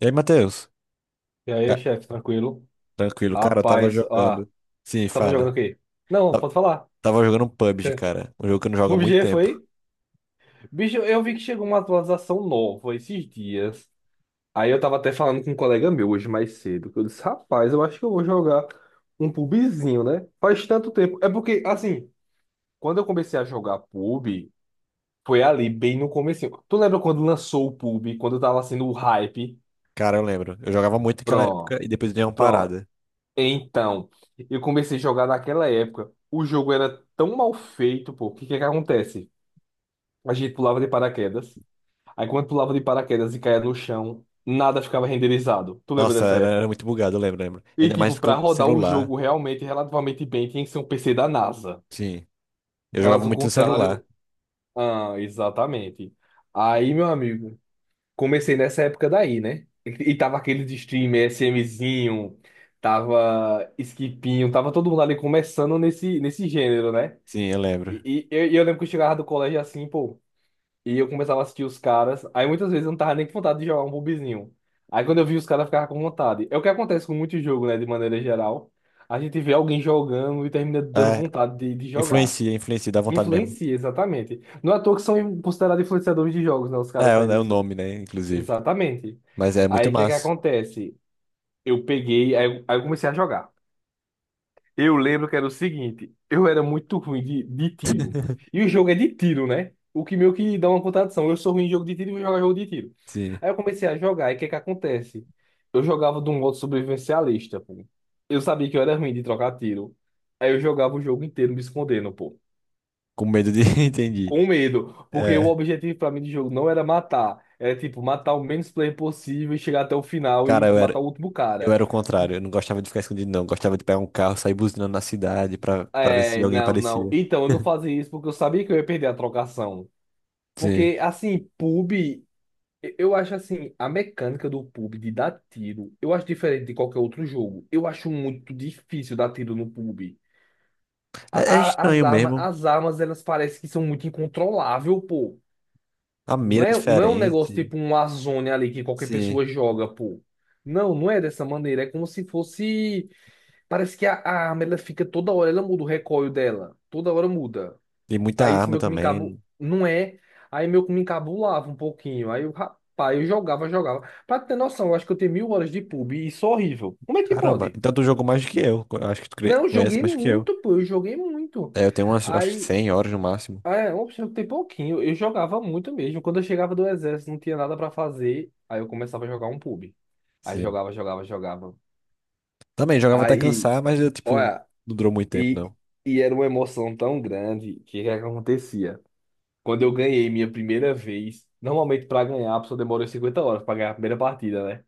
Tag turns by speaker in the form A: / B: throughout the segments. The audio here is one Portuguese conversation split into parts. A: E aí, Matheus?
B: E aí,
A: Ca-
B: chefe, tranquilo?
A: Tranquilo, cara, eu tava
B: Rapaz,
A: jogando. Sim,
B: tava jogando
A: fala.
B: o quê? Não,
A: Ta-
B: pode falar.
A: Tava jogando um PUBG, cara. Um jogo que eu não jogo há muito
B: PUBG
A: tempo.
B: foi? Bicho, eu vi que chegou uma atualização nova esses dias. Aí eu tava até falando com um colega meu hoje mais cedo, que eu disse, rapaz, eu acho que eu vou jogar um PUBGzinho, né? Faz tanto tempo. É porque, assim, quando eu comecei a jogar PUB, foi ali, bem no comecinho. Tu lembra quando lançou o PUB, quando tava sendo o hype?
A: Cara, eu lembro. Eu jogava muito naquela época
B: Pronto.
A: e depois deu uma
B: Pronto,
A: parada.
B: Então, eu comecei a jogar naquela época. O jogo era tão mal feito, pô. O que que acontece? A gente pulava de paraquedas. Aí quando pulava de paraquedas e caía no chão, nada ficava renderizado. Tu lembra
A: Nossa,
B: dessa
A: era
B: época?
A: muito bugado, eu lembro, lembro.
B: E
A: Ainda
B: tipo,
A: mais
B: pra
A: com
B: rodar o
A: celular.
B: jogo realmente, relativamente bem, tinha que ser um PC da NASA.
A: Sim. Eu jogava
B: Caso
A: muito no celular.
B: contrário, exatamente. Aí, meu amigo, comecei nessa época daí, né? E tava aquele de streamer, SMzinho, tava Skipinho, tava todo mundo ali começando nesse gênero, né?
A: Sim, eu lembro.
B: E eu lembro que eu chegava do colégio assim, pô, e eu começava a assistir os caras, aí muitas vezes eu não tava nem com vontade de jogar um bobizinho. Aí quando eu vi os caras, eu ficava com vontade. É o que acontece com muito jogo, né, de maneira geral. A gente vê alguém jogando e termina dando
A: É,
B: vontade de jogar.
A: influencia, influencia, dá vontade mesmo.
B: Influencia, exatamente. Não é à toa que são considerados influenciadores de jogos, né, os
A: É,
B: caras que
A: é o é
B: fazem
A: o
B: isso.
A: nome, né, inclusive.
B: Exatamente.
A: Mas é
B: Aí
A: muito
B: o que é que
A: massa.
B: acontece? Eu peguei, aí eu comecei a jogar. Eu lembro que era o seguinte, eu era muito ruim de tiro. E o jogo é de tiro, né? O que meio que dá uma contradição. Eu sou ruim em jogo de tiro e vou jogar jogo de tiro.
A: Sim,
B: Aí eu comecei a jogar, e o que é que acontece? Eu jogava de um modo sobrevivencialista, pô. Eu sabia que eu era ruim de trocar tiro. Aí eu jogava o jogo inteiro me escondendo, pô.
A: com medo de... Entendi.
B: Com medo, porque o
A: É,
B: objetivo pra mim do jogo não era matar, era tipo matar o menos player possível e chegar até o final
A: cara,
B: e matar o último
A: eu
B: cara.
A: era o contrário. Eu não gostava de ficar escondido, não. Eu gostava de pegar um carro, sair buzinando na cidade pra ver se
B: É,
A: alguém
B: não, não.
A: aparecia.
B: Então, eu não fazia isso porque eu sabia que eu ia perder a trocação.
A: Sim.
B: Porque, assim, pub, eu acho assim, a mecânica do pub de dar tiro, eu acho diferente de qualquer outro jogo. Eu acho muito difícil dar tiro no pub. A-
A: É, é
B: a- as
A: estranho
B: armas,
A: mesmo.
B: as armas, elas parecem que são muito incontroláveis, pô.
A: A mira
B: Não
A: é
B: é, não é um negócio
A: diferente.
B: tipo um Warzone ali que qualquer
A: Sim.
B: pessoa joga, pô. Não, é dessa maneira. É como se fosse. Parece que a arma ela fica toda hora, ela muda o recoil dela. Toda hora muda.
A: E muita
B: Aí isso
A: arma
B: meio que me encabu.
A: também.
B: Não é. Aí meio que me encabulava um pouquinho. Aí eu, rapaz, eu jogava. Pra ter noção, eu acho que eu tenho mil horas de pub e isso é horrível. Como é que
A: Caramba.
B: pode?
A: Então tu jogou mais do que eu. Eu acho que tu
B: Não, eu
A: conhece
B: joguei
A: mais do que eu.
B: muito, pô. Eu joguei muito.
A: É, eu tenho umas, acho que
B: Aí
A: 100 horas no máximo.
B: é, opção tem pouquinho. Eu jogava muito mesmo. Quando eu chegava do exército, não tinha nada pra fazer. Aí eu começava a jogar um pub. Aí jogava.
A: Também jogava até
B: Aí,
A: cansar, mas eu, tipo,
B: olha,
A: não durou muito tempo,
B: e,
A: não.
B: e era uma emoção tão grande que o que é que acontecia? Quando eu ganhei minha primeira vez, normalmente pra ganhar, a pessoa demora 50 horas pra ganhar a primeira partida, né?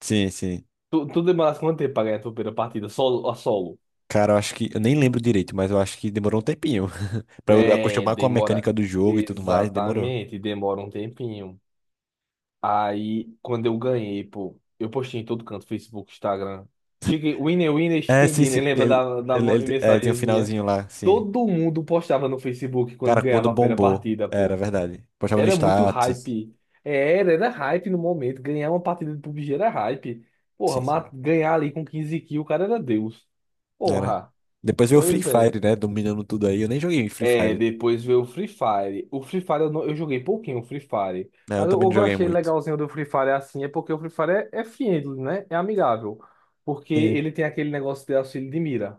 A: Sim, sim.
B: Tu demorasse quanto tempo pra ganhar a tua primeira partida? Solo, a solo?
A: Cara, eu acho que. Eu nem lembro direito, mas eu acho que demorou um tempinho. Pra eu
B: É,
A: acostumar com a
B: demora.
A: mecânica do jogo e tudo mais, demorou.
B: Exatamente, demora um tempinho. Aí, quando eu ganhei, pô, eu postei em todo canto, Facebook, Instagram. Chicken, winner, winner,
A: É,
B: chicken
A: sim, sim.
B: dinner, lembra da ma-
A: É, tem um
B: mensagenzinha?
A: finalzinho lá, sim.
B: Todo mundo postava no Facebook quando
A: Cara, quando
B: ganhava a primeira
A: bombou.
B: partida,
A: Era
B: pô.
A: verdade. Postava no
B: Era muito
A: status.
B: hype. É, era hype no momento. Ganhar uma partida de PUBG era hype. Porra,
A: Sim,
B: ma-
A: sim.
B: ganhar ali com 15 kills, o cara era Deus.
A: Era.
B: Porra,
A: Depois veio o Free
B: pois é.
A: Fire, né? Dominando tudo aí. Eu nem joguei Free
B: É,
A: Fire.
B: depois veio o Free Fire. O Free Fire eu, não- eu joguei pouquinho o Free Fire.
A: Né, eu
B: Mas
A: também não
B: eu
A: joguei
B: achei
A: muito.
B: legalzinho do Free Fire assim, é porque o Free Fire é, é friendly, né? É amigável. Porque
A: Sim.
B: ele tem aquele negócio de auxílio de mira.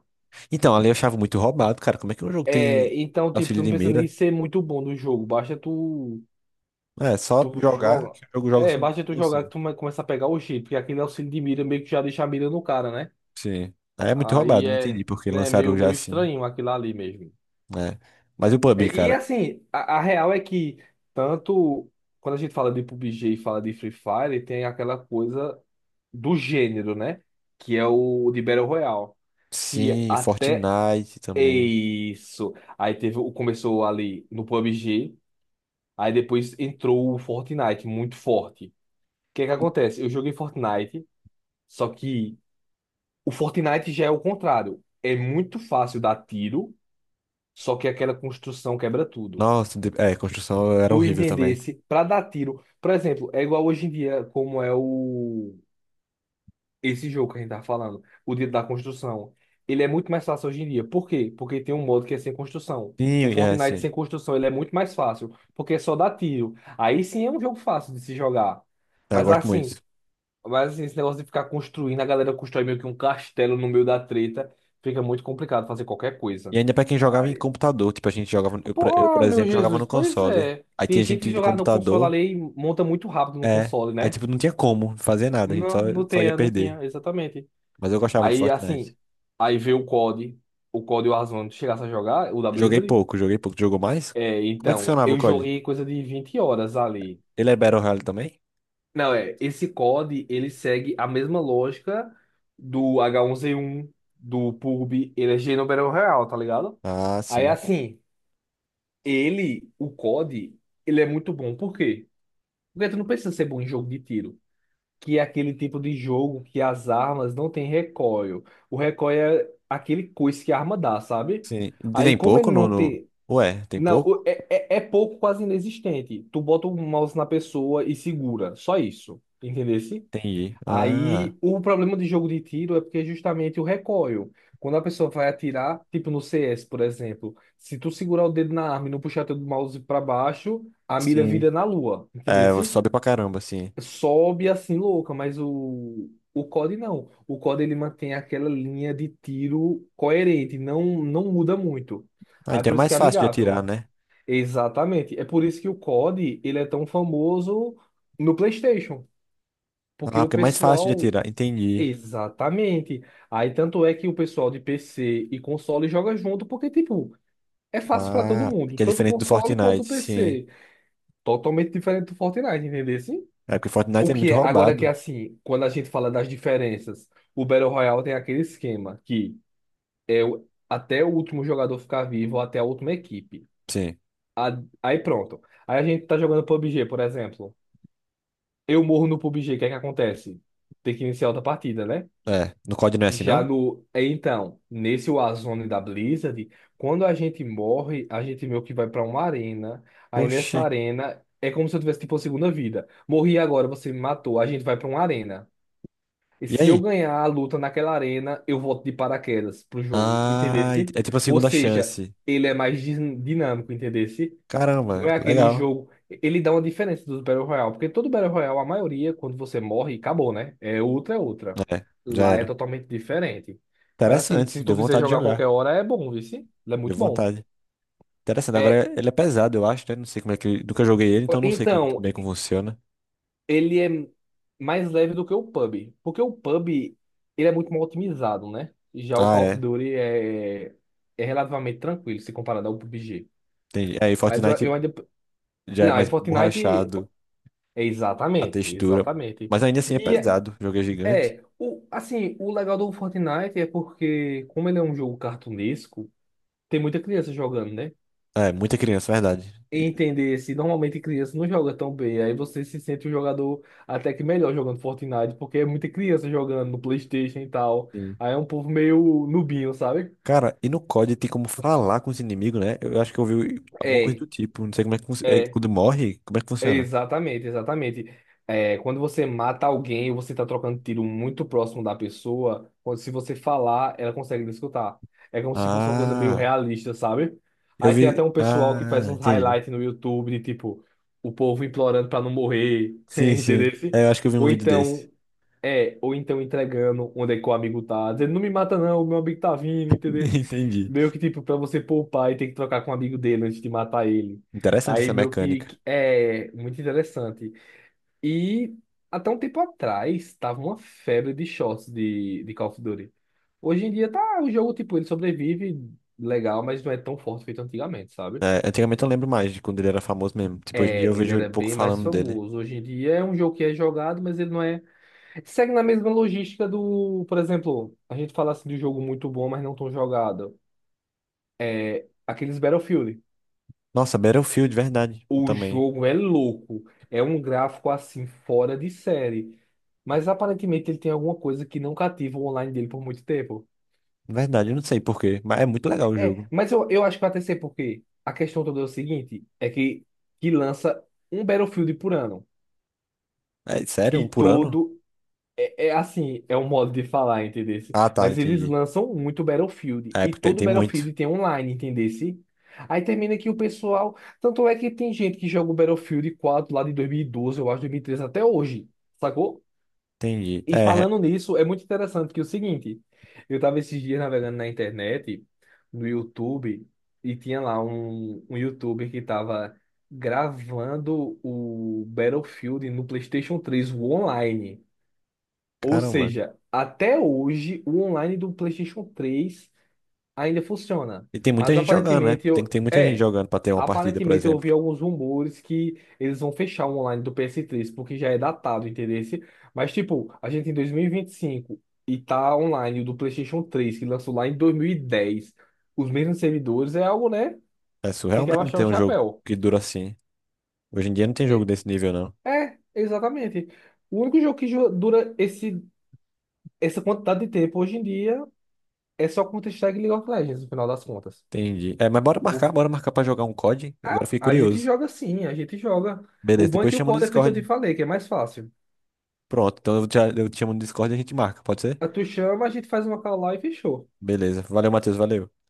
A: Então, ali eu achava muito roubado, cara. Como é que um jogo tem
B: É, então, tipo,
A: auxílio
B: tu não
A: de
B: precisa nem
A: mira?
B: ser muito bom no jogo. Basta tu,
A: É, só
B: tu
A: jogar
B: joga.
A: que o jogo joga
B: É,
A: sobre
B: basta tu jogar que
A: você.
B: tu come- começa a pegar o jeito. Porque aquele auxílio de mira meio que já deixa a mira no cara, né?
A: Sim. Aí é muito
B: Aí
A: roubado, não
B: é,
A: entendi porque
B: né,
A: lançaram
B: meio,
A: já
B: meio
A: assim,
B: estranho aquilo ali mesmo.
A: né? Mas e o PUBG, cara?
B: Assim, a real é que tanto quando a gente fala de PUBG e fala de Free Fire, tem aquela coisa do gênero, né? Que é o de Battle Royale. Que
A: Sim,
B: até
A: Fortnite também.
B: isso. Aí teve, o- começou ali no PUBG, aí depois entrou o Fortnite, muito forte. O que é que acontece? Eu joguei Fortnite, só que o Fortnite já é o contrário. É muito fácil dar tiro, só que aquela construção quebra tudo.
A: Nossa, é, construção era
B: Tu
A: horrível também.
B: entendesse pra dar tiro. Por exemplo, é igual hoje em dia, como é o esse jogo que a gente tá falando, o Dia da Construção. Ele é muito mais fácil hoje em dia. Por quê? Porque tem um modo que é sem construção. O
A: Sim, é,
B: Fortnite sem
A: sim.
B: construção, ele é muito mais fácil, porque é só dar tiro. Aí sim é um jogo fácil de se jogar.
A: Eu
B: Mas
A: gosto
B: assim,
A: muito.
B: mas assim, esse negócio de ficar construindo, a galera constrói meio que um castelo no meio da treta, fica muito complicado fazer qualquer coisa.
A: E ainda pra quem jogava em computador, tipo, a gente jogava, eu,
B: Pô,
A: eu, por
B: meu
A: exemplo, jogava
B: Jesus,
A: no
B: pois
A: console.
B: é.
A: Aí
B: Tem
A: tinha
B: gente que
A: gente de
B: jogar no console
A: computador,
B: ali e monta muito rápido no
A: é.
B: console,
A: Aí,
B: né?
A: tipo, não tinha como fazer nada, a gente só,
B: Não, não
A: só ia
B: tinha, não
A: perder.
B: tinha, exatamente.
A: Mas eu gostava de
B: Aí,
A: Fortnite.
B: assim, aí veio o COD, o COD e o Warzone, tu chegasse a jogar, o da
A: Joguei
B: Blizzard.
A: pouco, joguei pouco. Jogou mais?
B: É,
A: Como é que
B: então,
A: funcionava o
B: eu
A: COD?
B: joguei coisa de 20 horas ali.
A: Ele é Battle Royale também?
B: Não, é, esse COD, ele segue a mesma lógica do H1Z1, do PUBG, ele é Geno Battle Royale, tá ligado?
A: Ah,
B: Aí,
A: sim.
B: assim, ele, o COD, ele é muito bom, por quê? Porque tu não precisa ser bom em jogo de tiro, que é aquele tipo de jogo que as armas não têm recoil. O recoil é aquele coice que a arma dá, sabe?
A: Sim. E
B: Aí,
A: tem
B: como
A: pouco
B: ele
A: no,
B: não
A: no...
B: tem.
A: Ué, tem
B: Não, o-
A: pouco?
B: é, é, é pouco, quase inexistente. Tu bota o mouse na pessoa e segura, só isso. Entendesse?
A: Entendi. Ah,
B: Aí, o problema de jogo de tiro é porque é justamente o recoil. Quando a pessoa vai atirar, tipo no CS, por exemplo, se tu segurar o dedo na arma e não puxar teu mouse pra baixo, a mira
A: sim.
B: vira na lua, entendeu?
A: É, sobe pra caramba, sim.
B: Sobe assim louca, mas o COD não. O COD ele mantém aquela linha de tiro coerente, não muda muito.
A: Ah,
B: Aí
A: então é
B: por isso
A: mais
B: que é
A: fácil de atirar,
B: amigável.
A: né?
B: Exatamente. É por isso que o COD ele é tão famoso no PlayStation, porque
A: Ah,
B: o
A: porque é mais fácil de
B: pessoal.
A: atirar. Entendi.
B: Exatamente. Aí tanto é que o pessoal de PC e console joga junto, porque tipo, é fácil para todo
A: Ah,
B: mundo,
A: que é
B: tanto
A: diferente do
B: console quanto
A: Fortnite, sim.
B: PC. Totalmente diferente do Fortnite, entendeu? Assim,
A: É porque Fortnite
B: o
A: é
B: que
A: muito
B: é? Agora que é
A: roubado.
B: assim, quando a gente fala das diferenças, o Battle Royale tem aquele esquema que é o- até o último jogador ficar vivo, ou até a última equipe.
A: Sim.
B: A- Aí pronto. Aí a gente tá jogando PUBG, por exemplo. Eu morro no PUBG, o que é que acontece? Tem que iniciar outra partida, né?
A: É. No COD não é assim,
B: Já
A: não?
B: no. É, então, nesse Warzone da Blizzard, quando a gente morre, a gente meio que vai pra uma arena. Aí nessa
A: Oxi.
B: arena é como se eu tivesse tipo a segunda vida. Morri agora, você me matou, a gente vai pra uma arena. E
A: E
B: se eu
A: aí?
B: ganhar a luta naquela arena, eu volto de paraquedas pro jogo,
A: Ah,
B: entendesse?
A: é tipo a
B: Ou
A: segunda
B: seja,
A: chance.
B: ele é mais din- dinâmico, entendesse?
A: Caramba,
B: Não é aquele
A: legal.
B: jogo. Ele dá uma diferença dos Battle Royale, porque todo Battle Royale, a maioria, quando você morre, acabou, né? É outra.
A: É, já
B: Lá é
A: era.
B: totalmente diferente. Mas assim,
A: Interessante.
B: se
A: Deu
B: tu quiser
A: vontade de
B: jogar qualquer
A: jogar.
B: hora, é bom, viu? Sim? É
A: Deu
B: muito bom.
A: vontade. Interessante,
B: É,
A: agora ele é pesado, eu acho, né? Não sei como é que. Nunca joguei ele, então não sei muito
B: então,
A: bem como funciona.
B: ele é mais leve do que o pub porque o pub ele é muito mal otimizado, né? Já o
A: Ah,
B: Call of
A: é.
B: Duty é, é relativamente tranquilo se comparado ao PUBG.
A: Entendi. É, e
B: Mas
A: Fortnite
B: eu ainda.
A: já é
B: Não, é
A: mais
B: Fortnite.
A: borrachado
B: É,
A: a
B: exatamente,
A: textura.
B: exatamente.
A: Mas ainda assim é
B: E
A: pesado. O jogo é gigante.
B: é, o, assim, o legal do Fortnite é porque, como ele é um jogo cartunesco, tem muita criança jogando, né?
A: É, muita criança, verdade.
B: Entender se normalmente criança não joga tão bem. Aí você se sente um jogador até que melhor jogando Fortnite, porque é muita criança jogando no PlayStation e tal.
A: Sim.
B: Aí é um povo meio nubinho, sabe?
A: Cara, e no COD tem como falar com os inimigos, né? Eu acho que eu ouvi alguma coisa
B: É,
A: do tipo. Não sei como é que é,
B: é.
A: quando morre, como é que funciona?
B: Exatamente, exatamente. É, quando você mata alguém, você está trocando tiro muito próximo da pessoa. Quando, se você falar, ela consegue lhe escutar. É como se fosse uma coisa meio
A: Ah,
B: realista, sabe?
A: eu
B: Aí tem até
A: vi.
B: um pessoal que faz
A: Ah,
B: uns
A: entendi.
B: highlights no YouTube de tipo, o povo implorando para não morrer,
A: Sim,
B: entendeu?
A: sim. É, eu acho que eu vi um
B: Ou
A: vídeo desse.
B: então, é, ou então entregando onde é que o amigo tá, dizendo, não me mata não, meu amigo tá vindo, entendeu?
A: Entendi.
B: Meio que tipo, para você poupar e ter que trocar com o amigo dele antes de matar ele.
A: Interessante
B: Aí
A: essa
B: meio que
A: mecânica.
B: que é muito interessante. E até um tempo atrás tava uma febre de shorts de Call of Duty. Hoje em dia tá o jogo, tipo, ele sobrevive legal, mas não é tão forte feito antigamente, sabe?
A: É, antigamente eu lembro mais de quando ele era famoso mesmo. Tipo, hoje em dia eu
B: É, ele
A: vejo ele um
B: era
A: pouco
B: bem mais
A: falando dele.
B: famoso. Hoje em dia é um jogo que é jogado, mas ele não é. Segue na mesma logística do, por exemplo, a gente fala assim de um jogo muito bom, mas não tão jogado. É aqueles Battlefield.
A: Nossa, Battlefield, verdade. Eu
B: O
A: também.
B: jogo é louco. É um gráfico assim, fora de série. Mas aparentemente ele tem alguma coisa que não cativa o online dele por muito tempo.
A: Verdade, eu não sei por quê, mas é muito legal o
B: É,
A: jogo.
B: mas eu acho que vai até ser porque a questão toda é o seguinte: é que lança um Battlefield por ano.
A: É sério?
B: E
A: Um por ano?
B: todo. É, é assim, é um modo de falar, entendesse?
A: Ah, tá,
B: Mas eles
A: entendi.
B: lançam muito Battlefield.
A: É,
B: E
A: porque tem,
B: todo
A: tem muito.
B: Battlefield tem online, entendesse? Aí termina que o pessoal. Tanto é que tem gente que joga o Battlefield 4 lá de 2012, eu acho, 2013 até hoje, sacou?
A: Entendi.
B: E
A: É, é.
B: falando nisso, é muito interessante que é o seguinte: eu tava esses dias navegando na internet, no YouTube, e tinha lá um YouTuber que tava gravando o Battlefield no PlayStation 3, o online. Ou
A: Caramba.
B: seja, até hoje o online do PlayStation 3 ainda funciona.
A: E tem muita
B: Mas
A: gente jogando, né?
B: aparentemente
A: Tem que
B: eu.
A: ter muita gente
B: É,
A: jogando pra ter uma partida, por
B: aparentemente eu ouvi
A: exemplo.
B: alguns rumores que eles vão fechar o online do ps três porque já é datado, entendeu? Mas, tipo, a gente em dois mil e vinte e cinco e tá online o do PlayStation 3 que lançou lá em dois mil e dez, os mesmos servidores, é algo, né?
A: É
B: Tem
A: surreal
B: que
A: mesmo
B: abaixar
A: ter
B: o
A: um jogo
B: chapéu.
A: que dura assim. Hoje em dia não tem jogo
B: É,
A: desse nível, não.
B: é, exatamente. O único jogo que jo- dura esse, essa quantidade de tempo hoje em dia é só Counter-Strike e League of Legends, no final das contas.
A: Entendi. É, mas
B: O-
A: bora marcar pra jogar um COD. Agora eu
B: Ah,
A: fiquei
B: a gente
A: curioso.
B: joga sim, a gente joga. O
A: Beleza,
B: bom é
A: depois
B: que o
A: chama no
B: código é feito, eu te
A: Discord.
B: falei, que é mais fácil.
A: Pronto, então eu te chamo no Discord e a gente marca, pode ser?
B: Ah, tu chama, a gente faz uma call lá e fechou.
A: Beleza. Valeu, Matheus. Valeu.